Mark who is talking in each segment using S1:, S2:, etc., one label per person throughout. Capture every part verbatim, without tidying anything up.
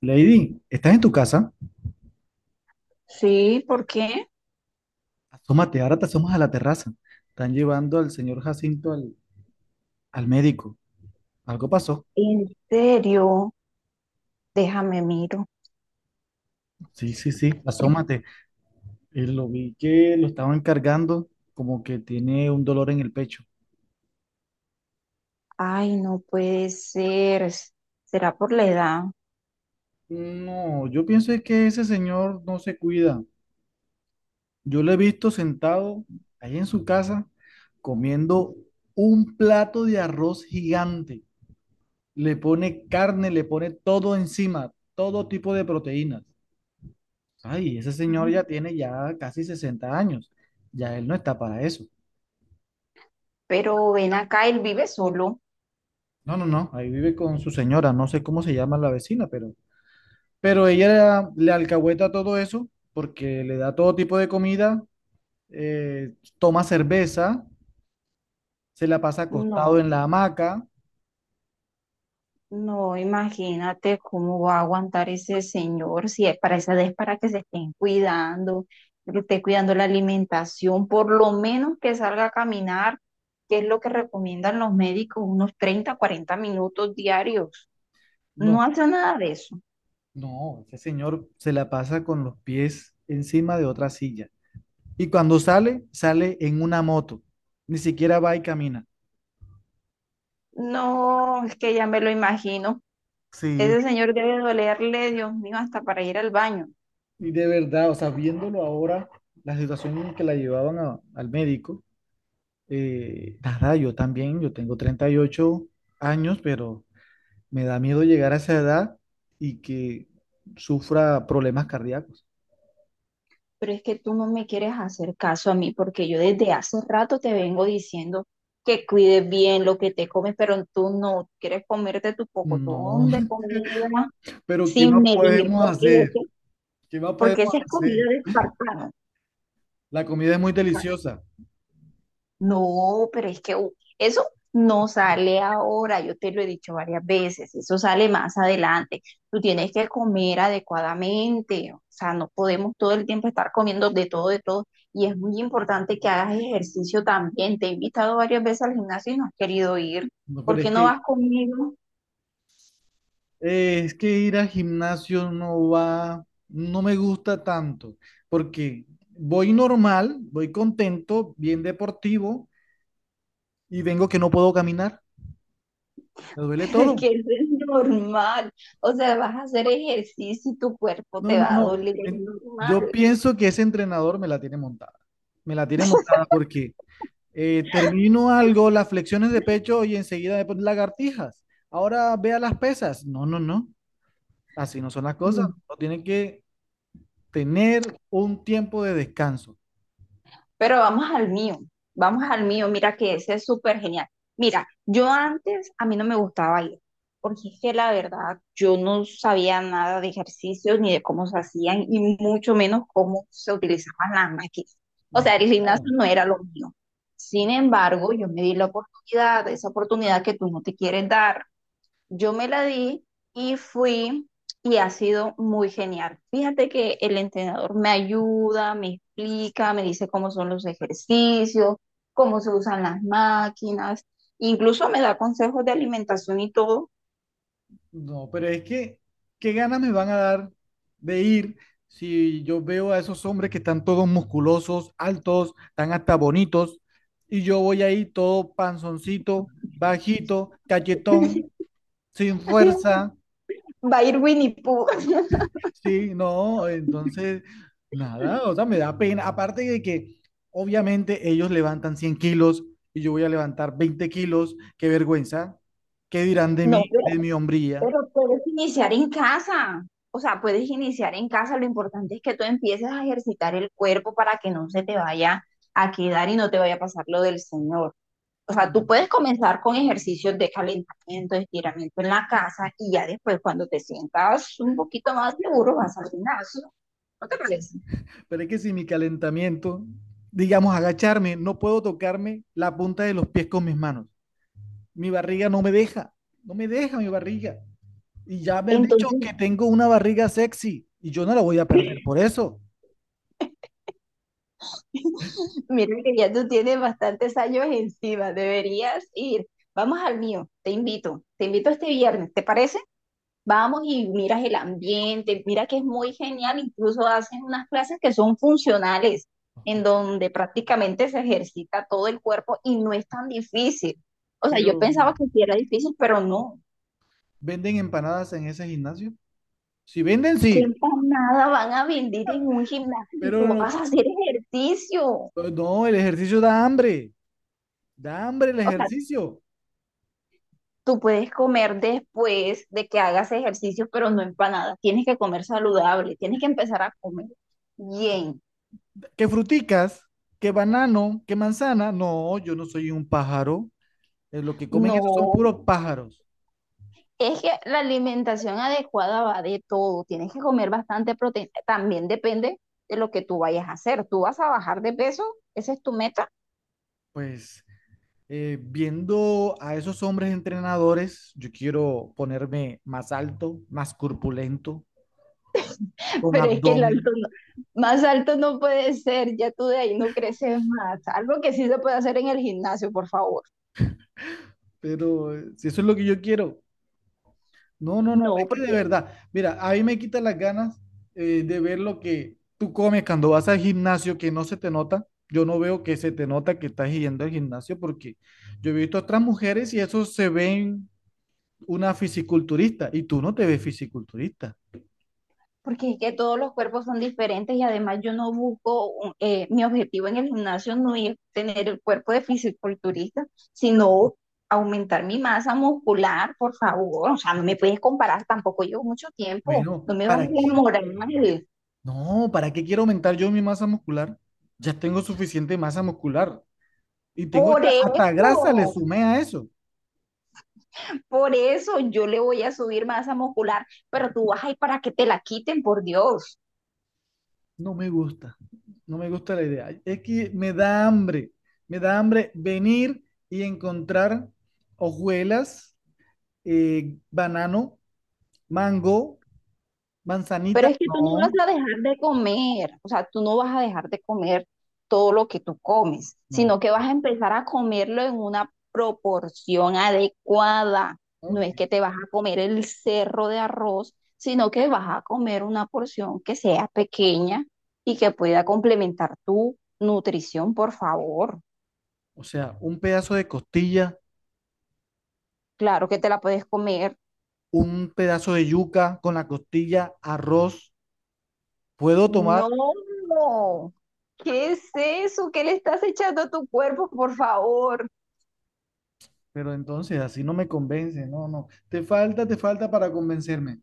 S1: Lady, ¿estás en tu casa?
S2: Sí, ¿por qué?
S1: Asómate, ahora te asomas a la terraza. Están llevando al señor Jacinto al, al médico. ¿Algo pasó?
S2: En serio, déjame miro.
S1: Sí, sí, sí, asómate. Eh, lo vi que lo estaban cargando, como que tiene un dolor en el pecho.
S2: Ay, no puede ser. ¿Será por la edad?
S1: No, yo pienso es que ese señor no se cuida. Yo lo he visto sentado ahí en su casa comiendo un plato de arroz gigante. Le pone carne, le pone todo encima, todo tipo de proteínas. Ay, ese señor ya tiene ya casi sesenta años. Ya él no está para eso.
S2: Pero ven acá, él vive solo.
S1: No, no, no. Ahí vive con su señora. No sé cómo se llama la vecina, pero, pero ella le alcahueta todo eso porque le da todo tipo de comida, eh, toma cerveza, se la pasa
S2: No,
S1: acostado en la hamaca.
S2: no, imagínate cómo va a aguantar ese señor si es para esa edad es para que se estén cuidando, que esté cuidando la alimentación, por lo menos que salga a caminar, que es lo que recomiendan los médicos, unos treinta, cuarenta minutos diarios. No
S1: No,
S2: hace nada de eso.
S1: no, ese señor se la pasa con los pies encima de otra silla. Y cuando sale, sale en una moto. Ni siquiera va y camina.
S2: No, es que ya me lo imagino.
S1: Sí.
S2: Ese señor debe dolerle, Dios mío, hasta para ir al baño.
S1: Y de verdad, o sea, viéndolo ahora, la situación en que la llevaban a- al médico, eh, nada, yo también, yo tengo treinta y ocho años, pero me da miedo llegar a esa edad y que sufra problemas cardíacos.
S2: Pero es que tú no me quieres hacer caso a mí porque yo desde hace rato te vengo diciendo que cuides bien lo que te comes, pero tú no quieres comerte tu
S1: No,
S2: pocotón de comida
S1: pero ¿qué
S2: sin
S1: más
S2: medir,
S1: podemos
S2: porque
S1: hacer?
S2: ese,
S1: ¿Qué más
S2: porque
S1: podemos
S2: esa es comida
S1: hacer?
S2: de espartano.
S1: La comida es muy deliciosa.
S2: No, pero es que uh, eso no sale ahora, yo te lo he dicho varias veces, eso sale más adelante. Tú tienes que comer adecuadamente, o sea, no podemos todo el tiempo estar comiendo de todo, de todo. Y es muy importante que hagas ejercicio también. Te he invitado varias veces al gimnasio y no has querido ir.
S1: No,
S2: ¿Por
S1: pero es
S2: qué no
S1: que
S2: vas conmigo?
S1: Eh, es que ir al gimnasio no va, no me gusta tanto, porque voy normal, voy contento, bien deportivo, y vengo que no puedo caminar, me duele
S2: Pero es que
S1: todo.
S2: eso es normal. O sea, vas a hacer ejercicio y tu cuerpo
S1: No,
S2: te
S1: no,
S2: va a
S1: no.
S2: doler, es
S1: Eh,
S2: normal.
S1: Yo pienso que ese entrenador me la tiene montada, me la tiene montada porque eh, termino algo, las flexiones de pecho y enseguida de lagartijas. Ahora vea las pesas. No, no, no, así no son las cosas. Uno tiene que tener un tiempo de descanso.
S2: Pero vamos al mío, vamos al mío, mira que ese es súper genial. Mira, yo antes a mí no me gustaba bailar, porque es que la verdad yo no sabía nada de ejercicios ni de cómo se hacían y mucho menos cómo se utilizaban las máquinas. O
S1: No,
S2: sea, el gimnasio
S1: no,
S2: no era lo mío. Sin embargo, yo me di la oportunidad, esa oportunidad que tú no te quieres dar, yo me la di y fui y ha sido muy genial. Fíjate que el entrenador me ayuda, me explica, me dice cómo son los ejercicios, cómo se usan las máquinas, incluso me da consejos de alimentación y todo.
S1: no, pero es que, ¿qué ganas me van a dar de ir si yo veo a esos hombres que están todos musculosos, altos, están hasta bonitos, y yo voy ahí todo panzoncito, bajito, cachetón, sin fuerza,
S2: Va a ir Winnie Pooh.
S1: sí, no, entonces, nada, o sea, me da pena, aparte de que obviamente ellos levantan cien kilos y yo voy a levantar veinte kilos, qué vergüenza, qué dirán de
S2: No,
S1: mí, de
S2: pero,
S1: mi hombría.
S2: pero puedes iniciar en casa. O sea, puedes iniciar en casa. Lo importante es que tú empieces a ejercitar el cuerpo para que no se te vaya a quedar y no te vaya a pasar lo del Señor. O sea, tú puedes comenzar con ejercicios de calentamiento, estiramiento en la casa y ya después cuando te sientas un poquito más seguro vas al gimnasio. ¿No te parece?
S1: Pero es que si mi calentamiento, digamos, agacharme, no puedo tocarme la punta de los pies con mis manos. Mi barriga no me deja, no me deja mi barriga. Y ya me han dicho que
S2: Entonces,
S1: tengo una barriga sexy y yo no la voy a perder por eso.
S2: mira que ya tú tienes bastantes años encima, deberías ir. Vamos al mío, te invito, te invito este viernes, ¿te parece? Vamos y miras el ambiente, mira que es muy genial, incluso hacen unas clases que son funcionales,
S1: Ok.
S2: en donde prácticamente se ejercita todo el cuerpo y no es tan difícil. O sea, yo
S1: Pero,
S2: pensaba que sí era difícil, pero no.
S1: ¿venden empanadas en ese gimnasio? Si venden,
S2: ¿Qué
S1: sí,
S2: nada van a vender en un gimnasio y
S1: pero
S2: tú vas
S1: no,
S2: a hacer ejercicio?
S1: no, el ejercicio da hambre, da hambre el
S2: O sea,
S1: ejercicio.
S2: tú puedes comer después de que hagas ejercicio, pero no empanadas. Tienes que comer saludable, tienes que empezar a comer bien.
S1: ¿Qué fruticas? ¿Qué banano? ¿Qué manzana? No, yo no soy un pájaro. Eh, Lo que comen esos son
S2: No,
S1: puros pájaros.
S2: es que la alimentación adecuada va de todo. Tienes que comer bastante proteína. También depende de lo que tú vayas a hacer. Tú vas a bajar de peso, esa es tu meta.
S1: Pues eh, viendo a esos hombres entrenadores, yo quiero ponerme más alto, más corpulento, con
S2: Pero es que el
S1: abdomen,
S2: alto no- más alto no puede ser. Ya tú de ahí no creces más. Algo que sí se puede hacer en el gimnasio, por favor.
S1: pero eh, si eso es lo que yo quiero, no, no, no,
S2: No,
S1: es que de
S2: porque
S1: verdad, mira, a mí me quita las ganas eh, de ver lo que tú comes cuando vas al gimnasio que no se te nota. Yo no veo que se te nota que estás yendo al gimnasio porque yo he visto a otras mujeres y eso se ven una fisiculturista y tú no te ves fisiculturista.
S2: Porque es que todos los cuerpos son diferentes y además yo no busco, un- eh, mi objetivo en el gimnasio no es tener el cuerpo de fisiculturista, sino aumentar mi masa muscular, por favor. O sea, no me puedes comparar, tampoco llevo mucho tiempo,
S1: Bueno,
S2: no me bajes
S1: ¿para
S2: la moral.
S1: No, ¿para qué quiero aumentar yo mi masa muscular? Ya tengo suficiente masa muscular y tengo
S2: Por
S1: hasta, hasta
S2: eso,
S1: grasa, le sumé a eso.
S2: por eso yo le voy a subir masa muscular, pero tú vas ahí para que te la quiten, por Dios.
S1: No me gusta, no me gusta la idea. Es que me da hambre, me da hambre venir y encontrar hojuelas, eh, banano, mango,
S2: Pero
S1: manzanita.
S2: es que tú no vas
S1: No,
S2: a dejar de comer, o sea, tú no vas a dejar de comer todo lo que tú comes,
S1: no.
S2: sino que vas a empezar a comerlo en una proporción adecuada. No
S1: No.
S2: es que te vas a comer el cerro de arroz, sino que vas a comer una porción que sea pequeña y que pueda complementar tu nutrición, por favor.
S1: O sea, un pedazo de costilla,
S2: Claro que te la puedes comer.
S1: un pedazo de yuca con la costilla, arroz. Puedo tomar
S2: No, ¿qué es eso? ¿Qué le estás echando a tu cuerpo, por favor?
S1: Pero entonces así no me convence, no, no. Te falta, te falta para convencerme.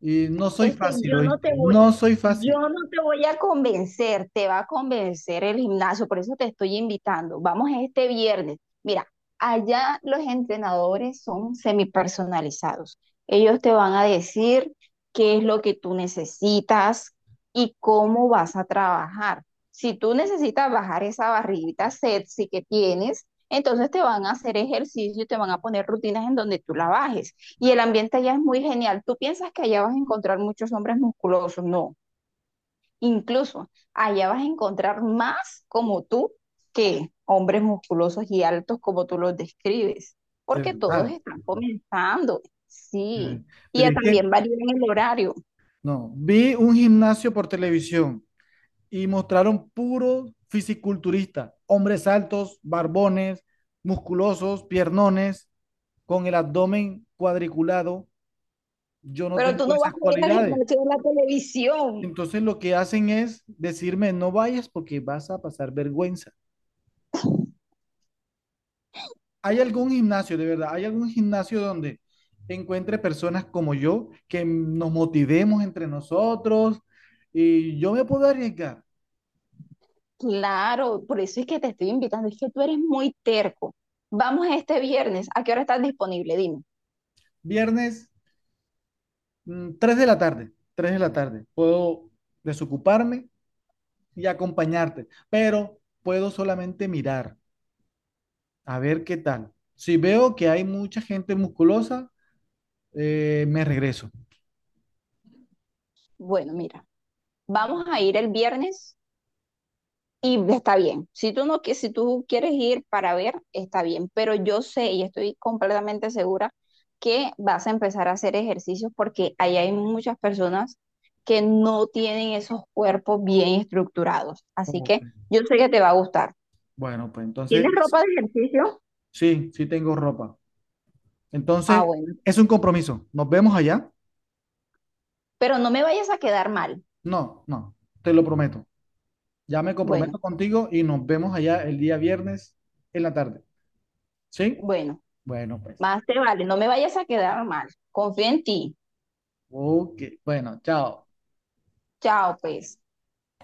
S1: Y no soy
S2: Es que
S1: fácil,
S2: yo no
S1: ¿oíste?
S2: te voy,
S1: No soy
S2: yo
S1: fácil,
S2: no te voy a convencer, te va a convencer el gimnasio, por eso te estoy invitando. Vamos este viernes. Mira, allá los entrenadores son semipersonalizados. Ellos te van a decir qué es lo que tú necesitas y cómo vas a trabajar. Si tú necesitas bajar esa barriguita sexy que tienes, entonces te van a hacer ejercicio y te van a poner rutinas en donde tú la bajes. Y el ambiente allá es muy genial. Tú piensas que allá vas a encontrar muchos hombres musculosos, no. Incluso allá vas a encontrar más como tú que hombres musculosos y altos como tú los describes,
S1: de
S2: porque todos
S1: verdad.
S2: están comenzando,
S1: de
S2: sí.
S1: ver-
S2: Y
S1: Pero
S2: ya
S1: es que,
S2: también varía en el horario,
S1: no, vi un gimnasio por televisión y mostraron puros fisiculturistas, hombres altos, barbones, musculosos, piernones, con el abdomen cuadriculado. Yo no
S2: pero tú
S1: tengo
S2: no vas
S1: esas
S2: a ir al
S1: cualidades.
S2: gimnasio de la televisión.
S1: Entonces lo que hacen es decirme, no vayas porque vas a pasar vergüenza. ¿Hay algún gimnasio, de verdad? ¿Hay algún gimnasio donde encuentre personas como yo que nos motivemos entre nosotros? Y yo me puedo arriesgar.
S2: Claro, por eso es que te estoy invitando, es que tú eres muy terco. Vamos este viernes, ¿a qué hora estás disponible? Dime.
S1: Viernes, mm, tres de la tarde, tres de la tarde. Puedo desocuparme y acompañarte, pero puedo solamente mirar a ver qué tal. Si veo que hay mucha gente musculosa, eh, me regreso.
S2: Bueno, mira, vamos a ir el viernes. Y está bien, si tú no, qui- si tú quieres ir para ver, está bien, pero yo sé y estoy completamente segura que vas a empezar a hacer ejercicios porque ahí hay muchas personas que no tienen esos cuerpos bien estructurados. Así
S1: Como
S2: que
S1: que,
S2: yo sé que te va a gustar.
S1: Bueno, pues
S2: ¿Tienes
S1: entonces,
S2: ropa de ejercicio?
S1: sí, sí tengo ropa.
S2: Ah,
S1: Entonces,
S2: bueno,
S1: es un compromiso. Nos vemos allá.
S2: pero no me vayas a quedar mal.
S1: No, no, te lo prometo. Ya me
S2: Bueno,
S1: comprometo contigo y nos vemos allá el día viernes en la tarde. ¿Sí?
S2: bueno,
S1: Bueno, pues.
S2: más te vale, no me vayas a quedar mal. Confía en ti.
S1: Ok, bueno, chao.
S2: Chao, pues.